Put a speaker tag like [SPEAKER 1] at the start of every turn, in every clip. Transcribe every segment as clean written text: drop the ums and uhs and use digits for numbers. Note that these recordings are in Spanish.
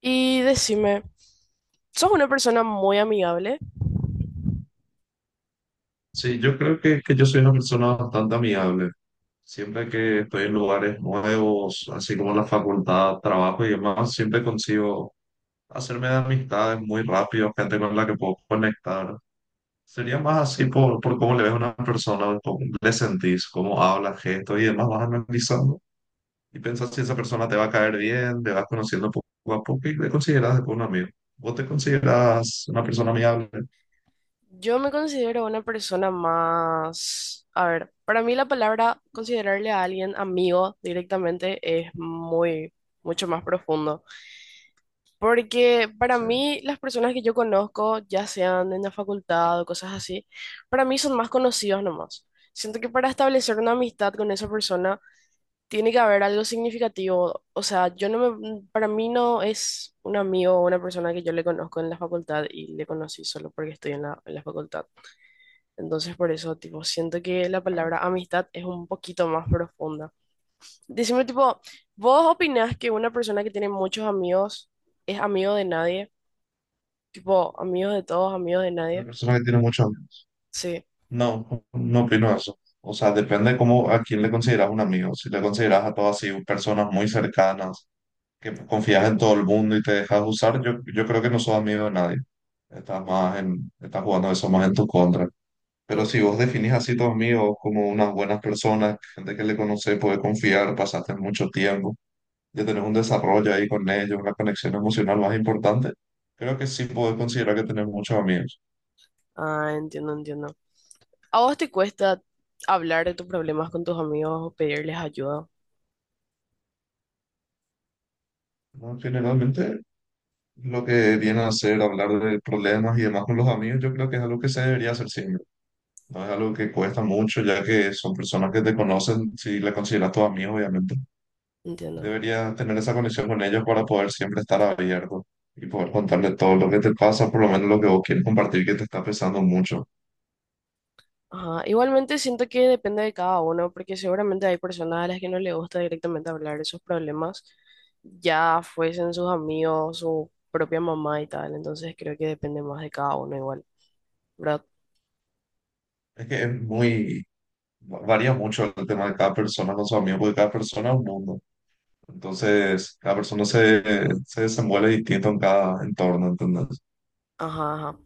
[SPEAKER 1] Y decime, ¿sos una persona muy amigable?
[SPEAKER 2] Sí, yo creo que yo soy una persona bastante amigable. Siempre que estoy en lugares nuevos, así como la facultad, trabajo y demás, siempre consigo hacerme de amistades muy rápido, gente con la que puedo conectar. Sería más así por cómo le ves a una persona, cómo le sentís, cómo habla, gestos y demás, vas analizando y pensás si esa persona te va a caer bien, te vas conociendo poco a poco y te consideras después un amigo. ¿Vos te consideras una persona amigable?
[SPEAKER 1] Yo me considero una persona más, a ver, para mí la palabra considerarle a alguien amigo directamente es mucho más profundo, porque para
[SPEAKER 2] Sí,
[SPEAKER 1] mí las personas que yo conozco, ya sean en la facultad o cosas así, para mí son más conocidos nomás. Siento que para establecer una amistad con esa persona tiene que haber algo significativo, o sea, yo no me, para mí no es un amigo o una persona que yo le conozco en la facultad y le conocí solo porque estoy en en la facultad. Entonces, por eso, tipo, siento que la palabra
[SPEAKER 2] claro.
[SPEAKER 1] amistad es un poquito más profunda. Decime, tipo, ¿vos opinás que una persona que tiene muchos amigos es amigo de nadie? Tipo, amigos de todos, amigos de
[SPEAKER 2] Una
[SPEAKER 1] nadie.
[SPEAKER 2] persona que tiene mucho.
[SPEAKER 1] Sí.
[SPEAKER 2] No, no opino eso. O sea, depende cómo a quién le consideras un amigo. Si le consideras a todas así personas muy cercanas, que confías en todo el mundo y te dejas usar, yo creo que no sos amigo de nadie. Estás más estás jugando eso más en tu contra. Pero
[SPEAKER 1] Mm.
[SPEAKER 2] si vos definís así tus amigos como unas buenas personas, gente que le conoces, puede confiar, pasaste mucho tiempo, ya tenés un desarrollo ahí con ellos, una conexión emocional más importante, creo que sí podés considerar que tenés muchos amigos.
[SPEAKER 1] Ah, entiendo, entiendo. ¿A vos te cuesta hablar de tus problemas con tus amigos o pedirles ayuda?
[SPEAKER 2] ¿No? Generalmente. Lo que viene a hacer, hablar de problemas y demás con los amigos, yo creo que es algo que se debería hacer siempre. No es algo que cuesta mucho, ya que son personas que te conocen, si le consideras tu amigo, obviamente.
[SPEAKER 1] Entiendo.
[SPEAKER 2] Deberías tener esa conexión con ellos para poder siempre estar abierto y poder contarle todo lo que te pasa, por lo menos lo que vos quieres compartir, que te está pesando mucho.
[SPEAKER 1] Ajá, igualmente siento que depende de cada uno, porque seguramente hay personas a las que no le gusta directamente hablar de sus problemas, ya fuesen sus amigos, su propia mamá y tal, entonces creo que depende más de cada uno igual, ¿verdad?
[SPEAKER 2] Es que es muy, varía mucho el tema de cada persona con su amigo, porque cada persona es un mundo. Entonces, cada persona se desenvuelve distinto en cada entorno, ¿entendés?
[SPEAKER 1] Ajá, ajá.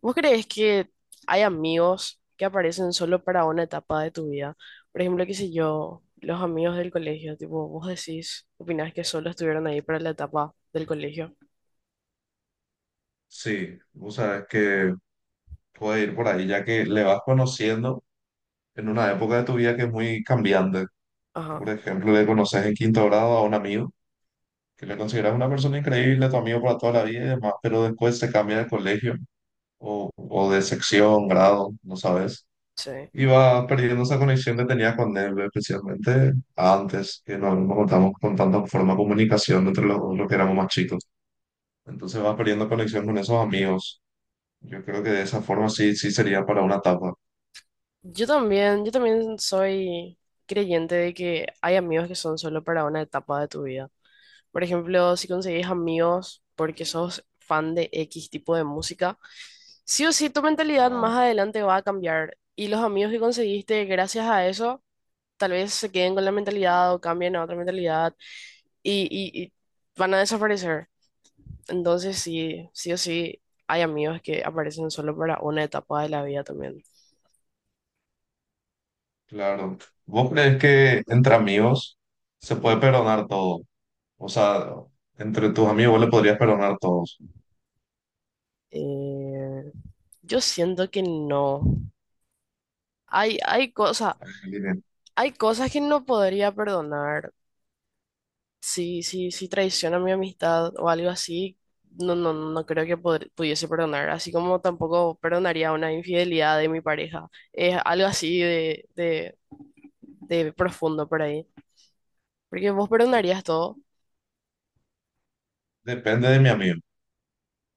[SPEAKER 1] ¿Vos crees que hay amigos que aparecen solo para una etapa de tu vida? Por ejemplo, qué sé yo, los amigos del colegio, tipo, vos decís, opinás que solo estuvieron ahí para la etapa del colegio.
[SPEAKER 2] Sí, o sea, es que puede ir por ahí, ya que le vas conociendo en una época de tu vida que es muy cambiante.
[SPEAKER 1] Ajá,
[SPEAKER 2] Por ejemplo, le conoces en quinto grado a un amigo, que le consideras una persona increíble, a tu amigo para toda la vida y demás, pero después se cambia de colegio o de sección, grado, no sabes.
[SPEAKER 1] sí.
[SPEAKER 2] Y vas perdiendo esa conexión que tenías con él, especialmente antes, que no, no contamos con tanta forma de comunicación entre los que éramos más chicos. Entonces vas perdiendo conexión con esos amigos. Yo creo que de esa forma sí, sí sería para una tapa.
[SPEAKER 1] Yo también soy creyente de que hay amigos que son solo para una etapa de tu vida. Por ejemplo, si conseguís amigos porque sos fan de X tipo de música, sí o sí tu mentalidad más
[SPEAKER 2] Ah,
[SPEAKER 1] adelante va a cambiar y los amigos que conseguiste gracias a eso tal vez se queden con la mentalidad o cambien a otra mentalidad y van a desaparecer. Entonces sí, sí o sí hay amigos que aparecen solo para una etapa de la vida también.
[SPEAKER 2] claro. ¿Vos crees que entre amigos se puede perdonar todo? O sea, entre tus amigos vos le podrías perdonar todos.
[SPEAKER 1] Eh, Yo siento que no. Hay, hay cosas,
[SPEAKER 2] Ahí me diré.
[SPEAKER 1] hay cosas que no podría perdonar. Si traiciona mi amistad o algo así, no, no, no creo que pudiese perdonar. Así como tampoco perdonaría una infidelidad de mi pareja. Es algo así de profundo por ahí. Porque vos perdonarías todo.
[SPEAKER 2] Depende de mi amigo,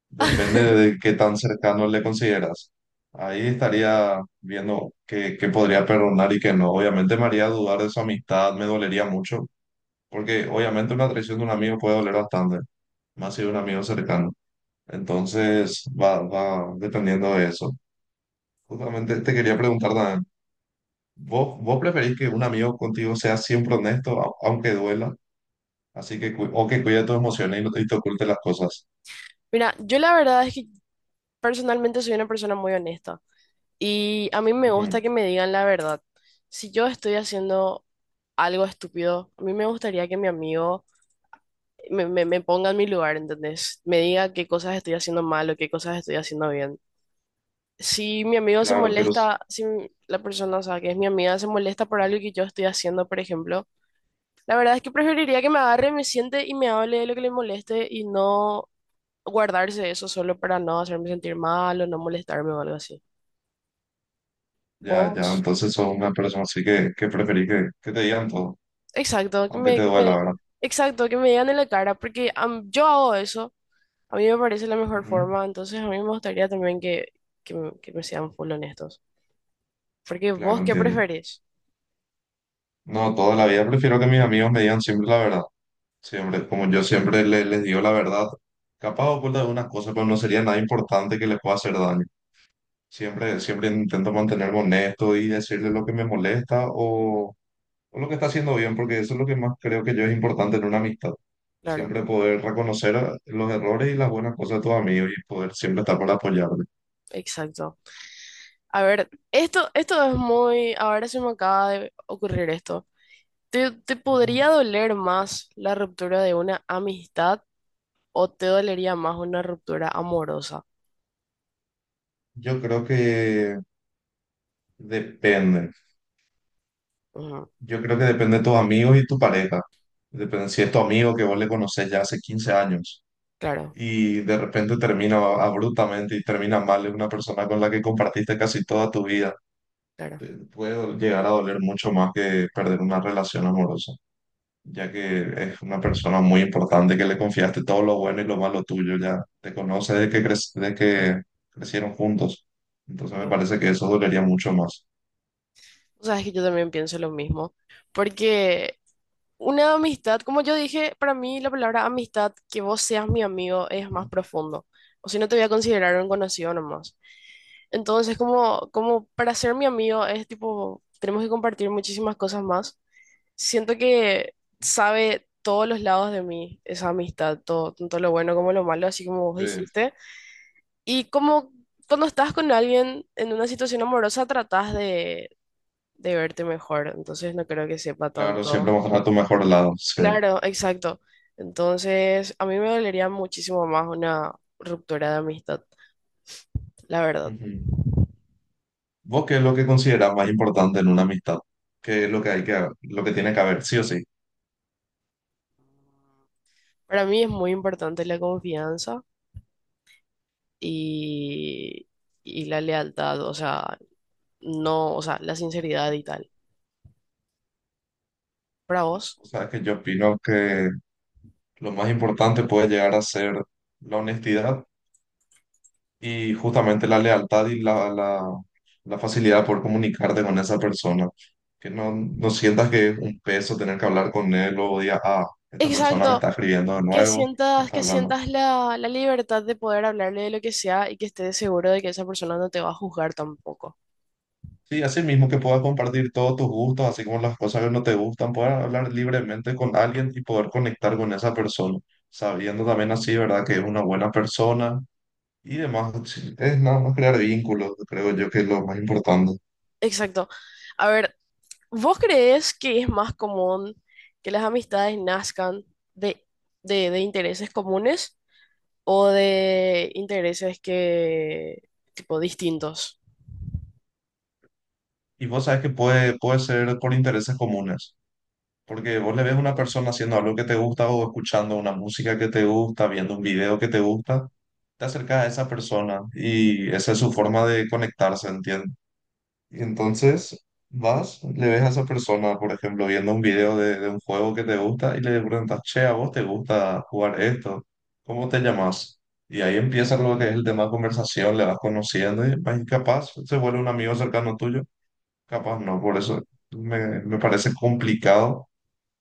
[SPEAKER 2] depende de qué tan cercano le consideras. Ahí estaría viendo qué, qué podría perdonar y qué no. Obviamente me haría dudar de su amistad, me dolería mucho, porque obviamente una traición de un amigo puede doler bastante, más si de un amigo cercano. Entonces, va, va dependiendo de eso. Justamente te quería preguntar también, ¿vos preferís que un amigo contigo sea siempre honesto, aunque duela? Así que, o que cuide tus emociones y no te, y te oculte las cosas.
[SPEAKER 1] Mira, yo la verdad es que personalmente soy una persona muy honesta. Y a mí me
[SPEAKER 2] Ujú.
[SPEAKER 1] gusta que me digan la verdad. Si yo estoy haciendo algo estúpido, a mí me gustaría que mi amigo me ponga en mi lugar, ¿entendés? Me diga qué cosas estoy haciendo mal o qué cosas estoy haciendo bien. Si mi amigo se
[SPEAKER 2] Claro,
[SPEAKER 1] molesta, si m- la persona, o sea, que es mi amiga, se molesta por algo que yo estoy haciendo, por ejemplo, la verdad es que preferiría que me agarre, me siente y me hable de lo que le moleste y no guardarse eso solo para no hacerme sentir mal o no molestarme o algo así.
[SPEAKER 2] ya, ya,
[SPEAKER 1] ¿Vos?
[SPEAKER 2] entonces sos una persona así que, preferís que te digan todo,
[SPEAKER 1] Exacto, que
[SPEAKER 2] aunque
[SPEAKER 1] me,
[SPEAKER 2] te
[SPEAKER 1] que me,
[SPEAKER 2] duela, ¿verdad?
[SPEAKER 1] exacto, que me digan en la cara, porque yo hago eso, a mí me parece la mejor
[SPEAKER 2] Ujú.
[SPEAKER 1] forma, entonces a mí me gustaría también que, me sean full honestos. Porque vos,
[SPEAKER 2] Claro,
[SPEAKER 1] ¿qué
[SPEAKER 2] entiendo.
[SPEAKER 1] preferís?
[SPEAKER 2] No, toda la vida prefiero que mis amigos me digan siempre la verdad. Sí, hombre, como yo siempre les digo la verdad, capaz oculta algunas cosas, pero no sería nada importante que les pueda hacer daño. Siempre, siempre intento mantenerme honesto y decirle lo que me molesta o lo que está haciendo bien, porque eso es lo que más creo que yo es importante en una amistad.
[SPEAKER 1] Claro,
[SPEAKER 2] Siempre poder reconocer los errores y las buenas cosas de tus amigos y poder siempre estar para apoyarle.
[SPEAKER 1] exacto. A ver, esto es muy, ahora se me acaba de ocurrir esto. Te
[SPEAKER 2] Ujú.
[SPEAKER 1] podría doler más la ruptura de una amistad o te dolería más una ruptura amorosa?
[SPEAKER 2] Yo creo que depende.
[SPEAKER 1] Ujú,
[SPEAKER 2] Yo creo que depende de tus amigos y tu pareja. Depende si es tu amigo que vos le conocés ya hace 15 años.
[SPEAKER 1] claro,
[SPEAKER 2] Y de repente termina abruptamente y termina mal. Es una persona con la que compartiste casi toda tu vida.
[SPEAKER 1] claro.
[SPEAKER 2] Te puede llegar a doler mucho más que perder una relación amorosa, ya que es una persona muy importante que le confiaste todo lo bueno y lo malo tuyo. Ya te conoce desde que, desde que crecieron juntos. Entonces me
[SPEAKER 1] Sí.
[SPEAKER 2] parece que eso dolería mucho más.
[SPEAKER 1] O sea, es que yo también pienso lo mismo, porque... Una amistad, como yo dije, para mí la palabra amistad, que vos seas mi amigo, es más
[SPEAKER 2] Ujú.
[SPEAKER 1] profundo. O si no, te voy a considerar un conocido nomás. Entonces, como para ser mi amigo, es tipo, tenemos que compartir muchísimas cosas más. Siento que sabe todos los lados de mí esa amistad, todo, tanto lo bueno como lo malo, así como vos
[SPEAKER 2] Sí,
[SPEAKER 1] dijiste. Y como cuando estás con alguien en una situación amorosa, tratás de verte mejor. Entonces, no creo que sepa
[SPEAKER 2] claro, siempre
[SPEAKER 1] tanto.
[SPEAKER 2] mostrar tu mejor lado. Sí.
[SPEAKER 1] Claro, exacto. Entonces, a mí me dolería muchísimo más una ruptura de amistad, la verdad.
[SPEAKER 2] Ujú. ¿Vos qué es lo que consideras más importante en una amistad? ¿Qué es lo que hay que, lo que tiene que haber, sí o sí?
[SPEAKER 1] Para mí es muy importante la confianza y, y la lealtad, o sea, no, o sea, la sinceridad y tal. ¿Para vos?
[SPEAKER 2] O sea, que yo opino que lo más importante puede llegar a ser la honestidad y justamente la lealtad y la facilidad por comunicarte con esa persona. Que no, no sientas que es un peso tener que hablar con él o digas, ah, esta persona me
[SPEAKER 1] Exacto,
[SPEAKER 2] está escribiendo de nuevo, me está
[SPEAKER 1] que
[SPEAKER 2] hablando.
[SPEAKER 1] sientas la libertad de poder hablarle de lo que sea y que estés seguro de que esa persona no te va a juzgar tampoco.
[SPEAKER 2] Sí, así mismo que puedas compartir todos tus gustos, así como las cosas que no te gustan, poder hablar libremente con alguien y poder conectar con esa persona, sabiendo también así, ¿verdad? Que es una buena persona. Y demás, sí, es nada más crear vínculos, creo yo que es lo más importante.
[SPEAKER 1] Exacto. A ver, ¿vos crees que es más común que las amistades nazcan de, de intereses comunes o de intereses que, tipo, distintos?
[SPEAKER 2] Y vos sabes que puede ser por intereses comunes, porque vos le ves a una persona haciendo algo que te gusta o escuchando una música que te gusta, viendo un video que te gusta, te acercas a esa persona y esa es su forma de conectarse, ¿entiendes? Y entonces vas, le ves a esa persona, por ejemplo, viendo un video de un juego que te gusta y le preguntas, che, ¿a vos te gusta jugar esto? ¿Cómo te llamas? Y ahí empieza lo que es el tema de conversación, le vas conociendo y capaz se vuelve un amigo cercano tuyo, capaz no, por eso me parece complicado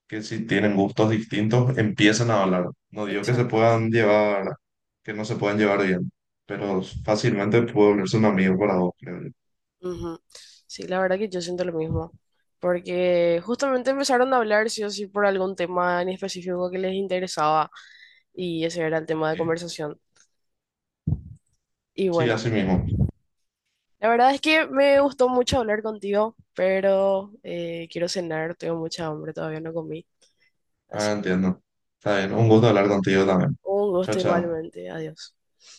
[SPEAKER 2] que si tienen gustos distintos empiecen a hablar. No digo que se
[SPEAKER 1] Exacto.
[SPEAKER 2] puedan llevar, que no se puedan llevar bien, pero fácilmente puede volverse un amigo para vos, creo yo.
[SPEAKER 1] Ujú. Sí, la verdad que yo siento lo mismo, porque justamente empezaron a hablar sí o sí por algún tema en específico que les interesaba y ese era el tema de conversación. Y
[SPEAKER 2] Sí,
[SPEAKER 1] bueno,
[SPEAKER 2] así mismo.
[SPEAKER 1] la verdad es que me gustó mucho hablar contigo, pero quiero cenar, tengo mucha hambre, todavía no comí,
[SPEAKER 2] Ah,
[SPEAKER 1] así
[SPEAKER 2] entiendo. Está bien. Un gusto hablar contigo también.
[SPEAKER 1] Un
[SPEAKER 2] Chao,
[SPEAKER 1] gusto
[SPEAKER 2] chao.
[SPEAKER 1] igualmente. Adiós.